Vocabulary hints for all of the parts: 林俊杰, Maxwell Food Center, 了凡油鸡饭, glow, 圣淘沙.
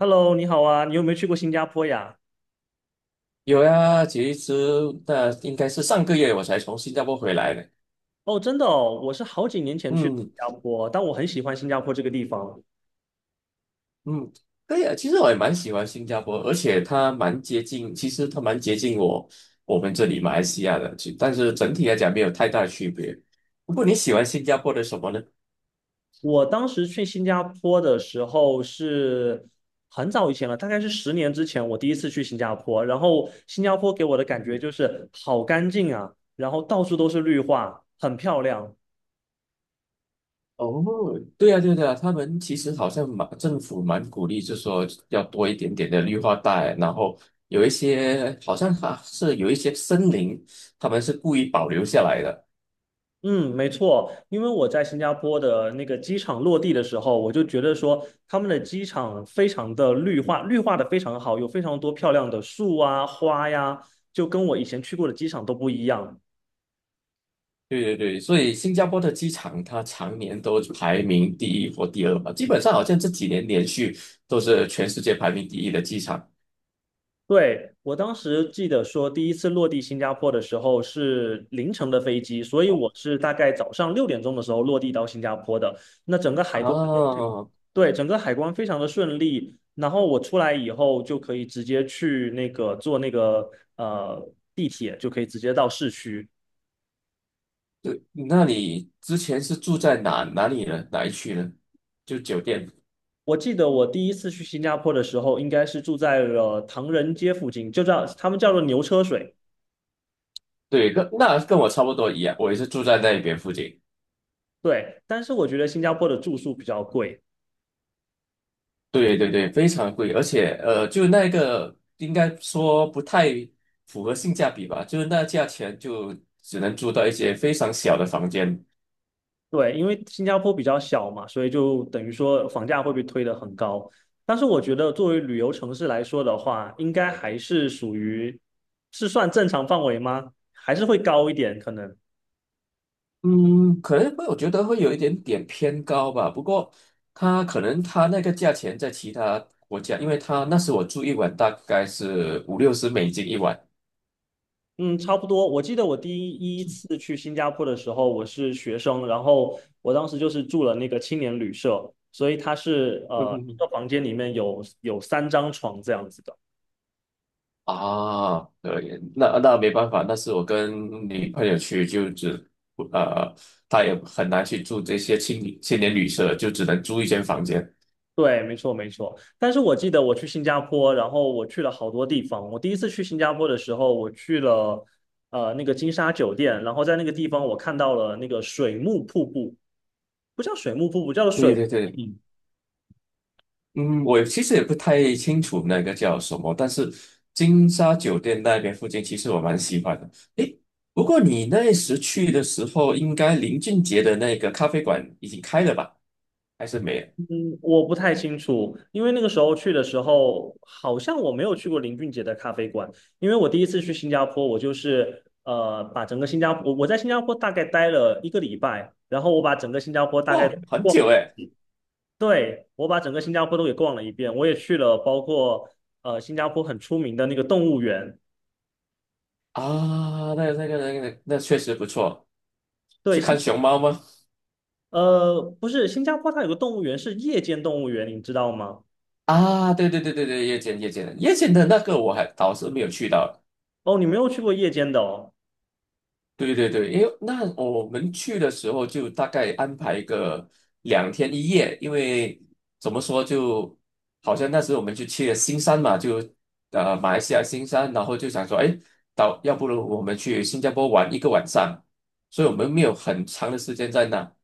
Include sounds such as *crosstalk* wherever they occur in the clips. Hello，你好啊，你有没有去过新加坡呀？有呀，其实那应该是上个月我才从新加坡回来的。哦，真的哦，我是好几年前去的新嗯加坡，但我很喜欢新加坡这个地方。嗯，对呀，其实我也蛮喜欢新加坡，而且它蛮接近，其实它蛮接近我们这里马来西亚的，但是整体来讲没有太大的区别。不过你喜欢新加坡的什么呢？我当时去新加坡的时候是很早以前了，大概是10年之前，我第一次去新加坡。然后新加坡给我的感觉嗯，就是好干净啊，然后到处都是绿化，很漂亮。哦，对呀对呀，他们其实好像蛮政府蛮鼓励，就说要多一点点的绿化带，然后有一些好像还是有一些森林，他们是故意保留下来的。嗯，没错，因为我在新加坡的那个机场落地的时候，我就觉得说他们的机场非常的绿化，绿化的非常好，有非常多漂亮的树啊、花呀，就跟我以前去过的机场都不一样。对对对，所以新加坡的机场它常年都排名第一或第二吧，基本上好像这几年连续都是全世界排名第一的机场。对，我当时记得说，第一次落地新加坡的时候是凌晨的飞机，所以我是大概早上6点钟的时候落地到新加坡的。那整个海关哦，对，整个海关非常的顺利，然后我出来以后就可以直接去那个坐那个地铁，就可以直接到市区。对，那你之前是住在哪里呢？哪一区呢？就酒店。我记得我第一次去新加坡的时候，应该是住在了唐人街附近，就叫他们叫做牛车水。对，跟我差不多一样，我也是住在那边附近。对，但是我觉得新加坡的住宿比较贵，对对对，非常贵，而且就那个应该说不太符合性价比吧，就是那价钱就只能住到一些非常小的房间。对，因为新加坡比较小嘛，所以就等于说房价会被推得很高。但是我觉得作为旅游城市来说的话，应该还是属于是算正常范围吗？还是会高一点可能？嗯，可能会，我觉得会有一点点偏高吧。不过，它可能它那个价钱在其他国家，因为它那时我住一晚大概是五六十美金一晚。嗯，差不多。我记得我第一次去新加坡的时候，我是学生，然后我当时就是住了那个青年旅社，所以它是嗯嗯一嗯个房间里面有3张床这样子的。啊，对，那没办法，那是我跟女朋友去，就只呃，她也很难去住这些青年旅社，就只能租一间房间。对，没错没错。但是我记得我去新加坡，然后我去了好多地方。我第一次去新加坡的时候，我去了那个金沙酒店，然后在那个地方我看到了那个水幕瀑布，不叫水幕瀑布，叫对水。对对。嗯，我其实也不太清楚那个叫什么，但是金沙酒店那边附近，其实我蛮喜欢的。诶，不过你那时去的时候，应该林俊杰的那个咖啡馆已经开了吧？还是没有？嗯，我不太清楚，因为那个时候去的时候，好像我没有去过林俊杰的咖啡馆，因为我第一次去新加坡，我就是把整个新加坡，我在新加坡大概待了一个礼拜，然后我把整个新加坡大概哇，很逛久了。诶。对，我把整个新加坡都给逛了一遍，我也去了，包括新加坡很出名的那个动物园。啊，那确实不错。去对，看熊猫吗？不是新加坡，它有个动物园是夜间动物园，你知道吗？啊，对对对对对，夜间的那个我还倒是没有去到。哦，你没有去过夜间的哦。对对对，因为那我们去的时候就大概安排个两天一夜，因为怎么说就，好像那时候我们就去了新山嘛，就马来西亚新山，然后就想说，哎，到要不如我们去新加坡玩一个晚上，所以我们没有很长的时间在那。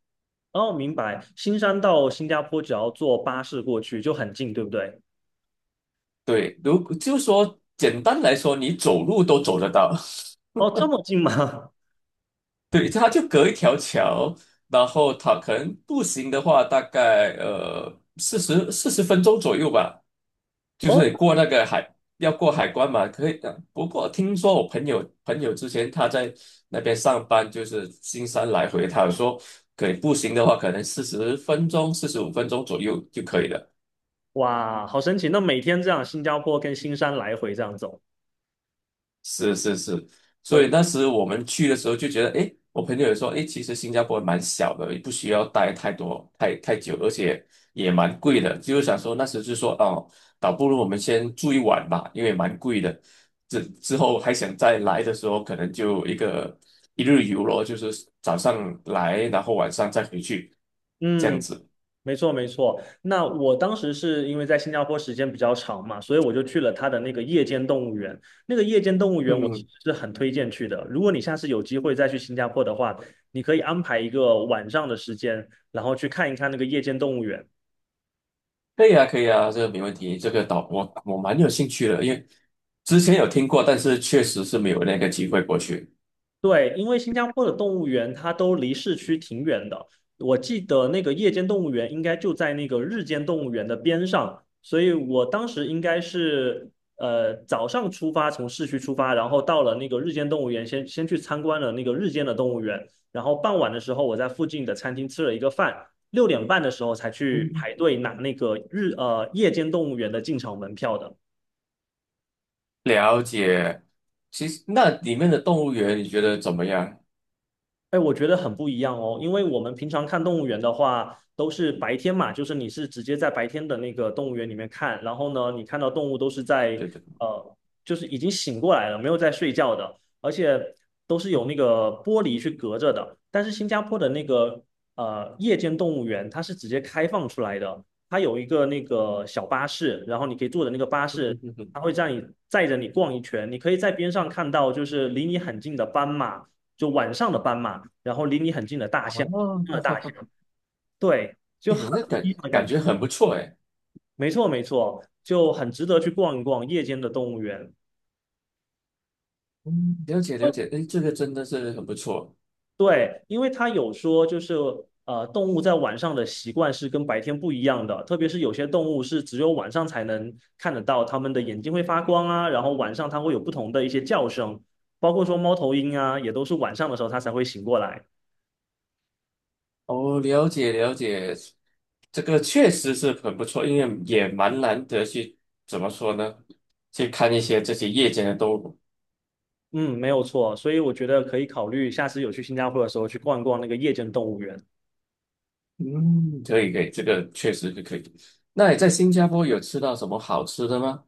哦，明白。新山到新加坡只要坐巴士过去就很近，对不对？对，如就说简单来说，你走路都走得到，哦，这么近吗？*laughs* *laughs* 对，它就隔一条桥，然后它可能步行的话，大概四十分钟左右吧。就哦，是过那个海，要过海关嘛，可以的。不过听说我朋友之前他在那边上班，就是新山来回，他有说可以步行的话，可能四十分钟、45分钟左右就可以了。哇，好神奇！那每天这样，新加坡跟新山来回这样走。是是是，所以哦，那时我们去的时候就觉得，诶，我朋友也说，诶，其实新加坡蛮小的，也不需要待太多太久，而且也蛮贵的。就是想说那时就说，哦，倒不如我们先住一晚吧，因为蛮贵的。之后还想再来的时候，可能就一个一日游咯，就是早上来，然后晚上再回去，这样嗯，子。没错，没错。那我当时是因为在新加坡时间比较长嘛，所以我就去了它的那个夜间动物园。那个夜间动物园我嗯其实嗯，是很推荐去的。如果你下次有机会再去新加坡的话，你可以安排一个晚上的时间，然后去看一看那个夜间动物园。可以啊，可以啊，这个没问题。这个岛我蛮有兴趣的，因为之前有听过，但是确实是没有那个机会过去。对，因为新加坡的动物园它都离市区挺远的，我记得那个夜间动物园应该就在那个日间动物园的边上，所以我当时应该是早上出发，从市区出发，然后到了那个日间动物园先，先去参观了那个日间的动物园，然后傍晚的时候我在附近的餐厅吃了一个饭，6点半的时候才去嗯排队拿那个夜间动物园的进场门票的。了解。其实那里面的动物园你觉得怎么样？哎，我觉得很不一样哦，因为我们平常看动物园的话，都是白天嘛，就是你是直接在白天的那个动物园里面看，然后呢，你看到动物都是在觉得呃，就是已经醒过来了，没有在睡觉的，而且都是有那个玻璃去隔着的。但是新加坡的那个夜间动物园，它是直接开放出来的，它有一个那个小巴士，然后你可以坐的那个巴士，它会让你载着你逛一圈，你可以在边上看到就是离你很近的斑马，就晚上的斑马。然后离你很近的大啊，象，真的 *laughs* 大象，对，就哎，很那不感一样的感感觉。觉很不错哎。没错，没错，就很值得去逛一逛夜间的动物园。嗯，了解了解，哎，这个真的是很不错对，因为他有说，就是动物在晚上的习惯是跟白天不一样的，特别是有些动物是只有晚上才能看得到，它们的眼睛会发光啊，然后晚上它会有不同的一些叫声，包括说猫头鹰啊，也都是晚上的时候它才会醒过来。哦。了解了解，这个确实是很不错，因为也蛮难得去怎么说呢？去看一些这些夜间的动物。嗯，没有错，所以我觉得可以考虑下次有去新加坡的时候去逛一逛那个夜间动物园。嗯，可以可以，这个确实是可以。那你在新加坡有吃到什么好吃的吗？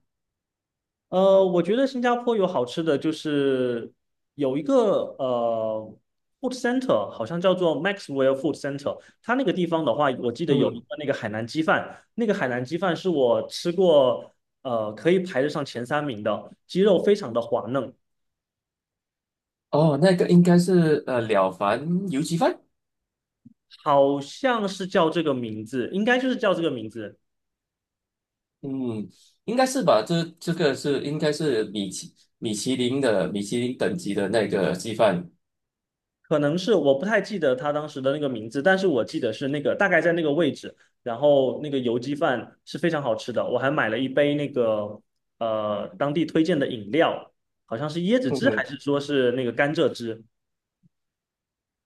我觉得新加坡有好吃的，就是有一个呃 food center，好像叫做 Maxwell Food Center。它那个地方的话，我记得有一嗯，个那个海南鸡饭，那个海南鸡饭是我吃过可以排得上前三名的，鸡肉非常的滑嫩，哦，那个应该是了凡油鸡饭。好像是叫这个名字，应该就是叫这个名字。嗯，应该是吧？这个是应该是米其林的米其林等级的那个鸡饭。可能是我不太记得他当时的那个名字，但是我记得是那个大概在那个位置，然后那个油鸡饭是非常好吃的，我还买了一杯那个当地推荐的饮料，好像是椰子嗯汁还哼，是说是那个甘蔗汁，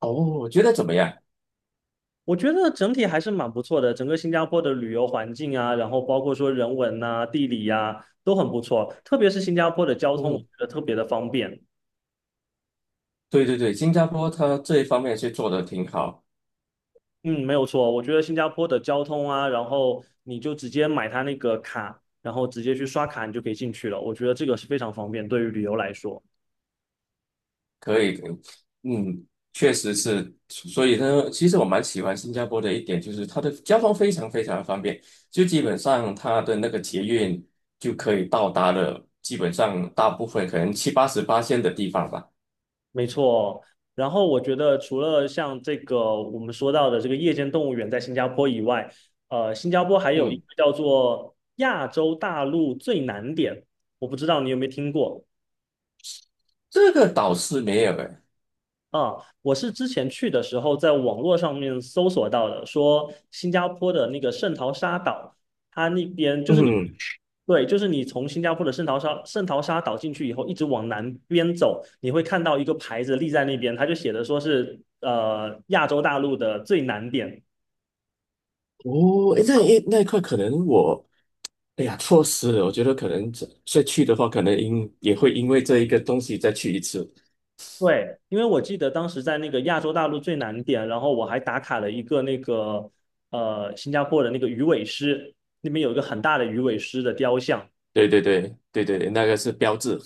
哦，我觉得怎么样？我觉得整体还是蛮不错的，整个新加坡的旅游环境啊，然后包括说人文呐、地理呀、都很不错，特别是新加坡的交通，我觉嗯，得特别的方便。对对对，新加坡它这一方面是做的挺好。嗯，没有错，我觉得新加坡的交通啊，然后你就直接买它那个卡，然后直接去刷卡，你就可以进去了。我觉得这个是非常方便，对于旅游来说，可以，可以，嗯，确实是，所以呢，其实我蛮喜欢新加坡的一点就是它的交通非常非常方便，就基本上它的那个捷运就可以到达了，基本上大部分可能七八十八线的地方吧。没错。然后我觉得除了像这个我们说到的这个夜间动物园在新加坡以外，新加坡还有一嗯，个叫做亚洲大陆最南点，我不知道你有没有听过。这个倒是没有诶。啊，我是之前去的时候在网络上面搜索到的，说新加坡的那个圣淘沙岛，它那边就是你，嗯，对，就是你从新加坡的圣淘沙岛进去以后，一直往南边走，你会看到一个牌子立在那边，它就写的说是亚洲大陆的最南点。哦，诶那一块可能我，哎呀，错失了。我觉得可能这再去的话，可能也会因为这一个东西再去一次。对，因为我记得当时在那个亚洲大陆最南点，然后我还打卡了一个那个新加坡的那个鱼尾狮，那边有一个很大的鱼尾狮的雕像，对对对对对对，那个是标志，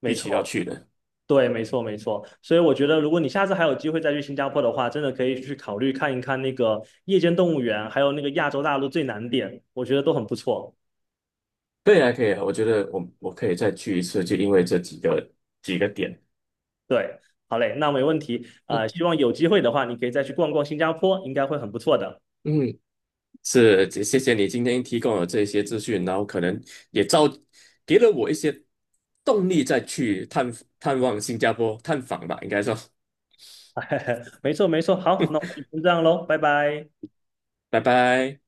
没必须要错。去的。对，没错，没错。所以我觉得，如果你下次还有机会再去新加坡的话，真的可以去考虑看一看那个夜间动物园，还有那个亚洲大陆最南点，我觉得都很不错。对以啊，可以啊，我觉得我可以再去一次，就因为这几个点。对，好嘞，那没问题。啊，希嗯望有机会的话，你可以再去逛逛新加坡，应该会很不错的。嗯，是，谢谢你今天提供了这些资讯，然后可能也造给了我一些动力再去探望新加坡探访吧，应该说，*laughs* 没错，没错。好，那我们就先这样喽，拜拜。拜拜。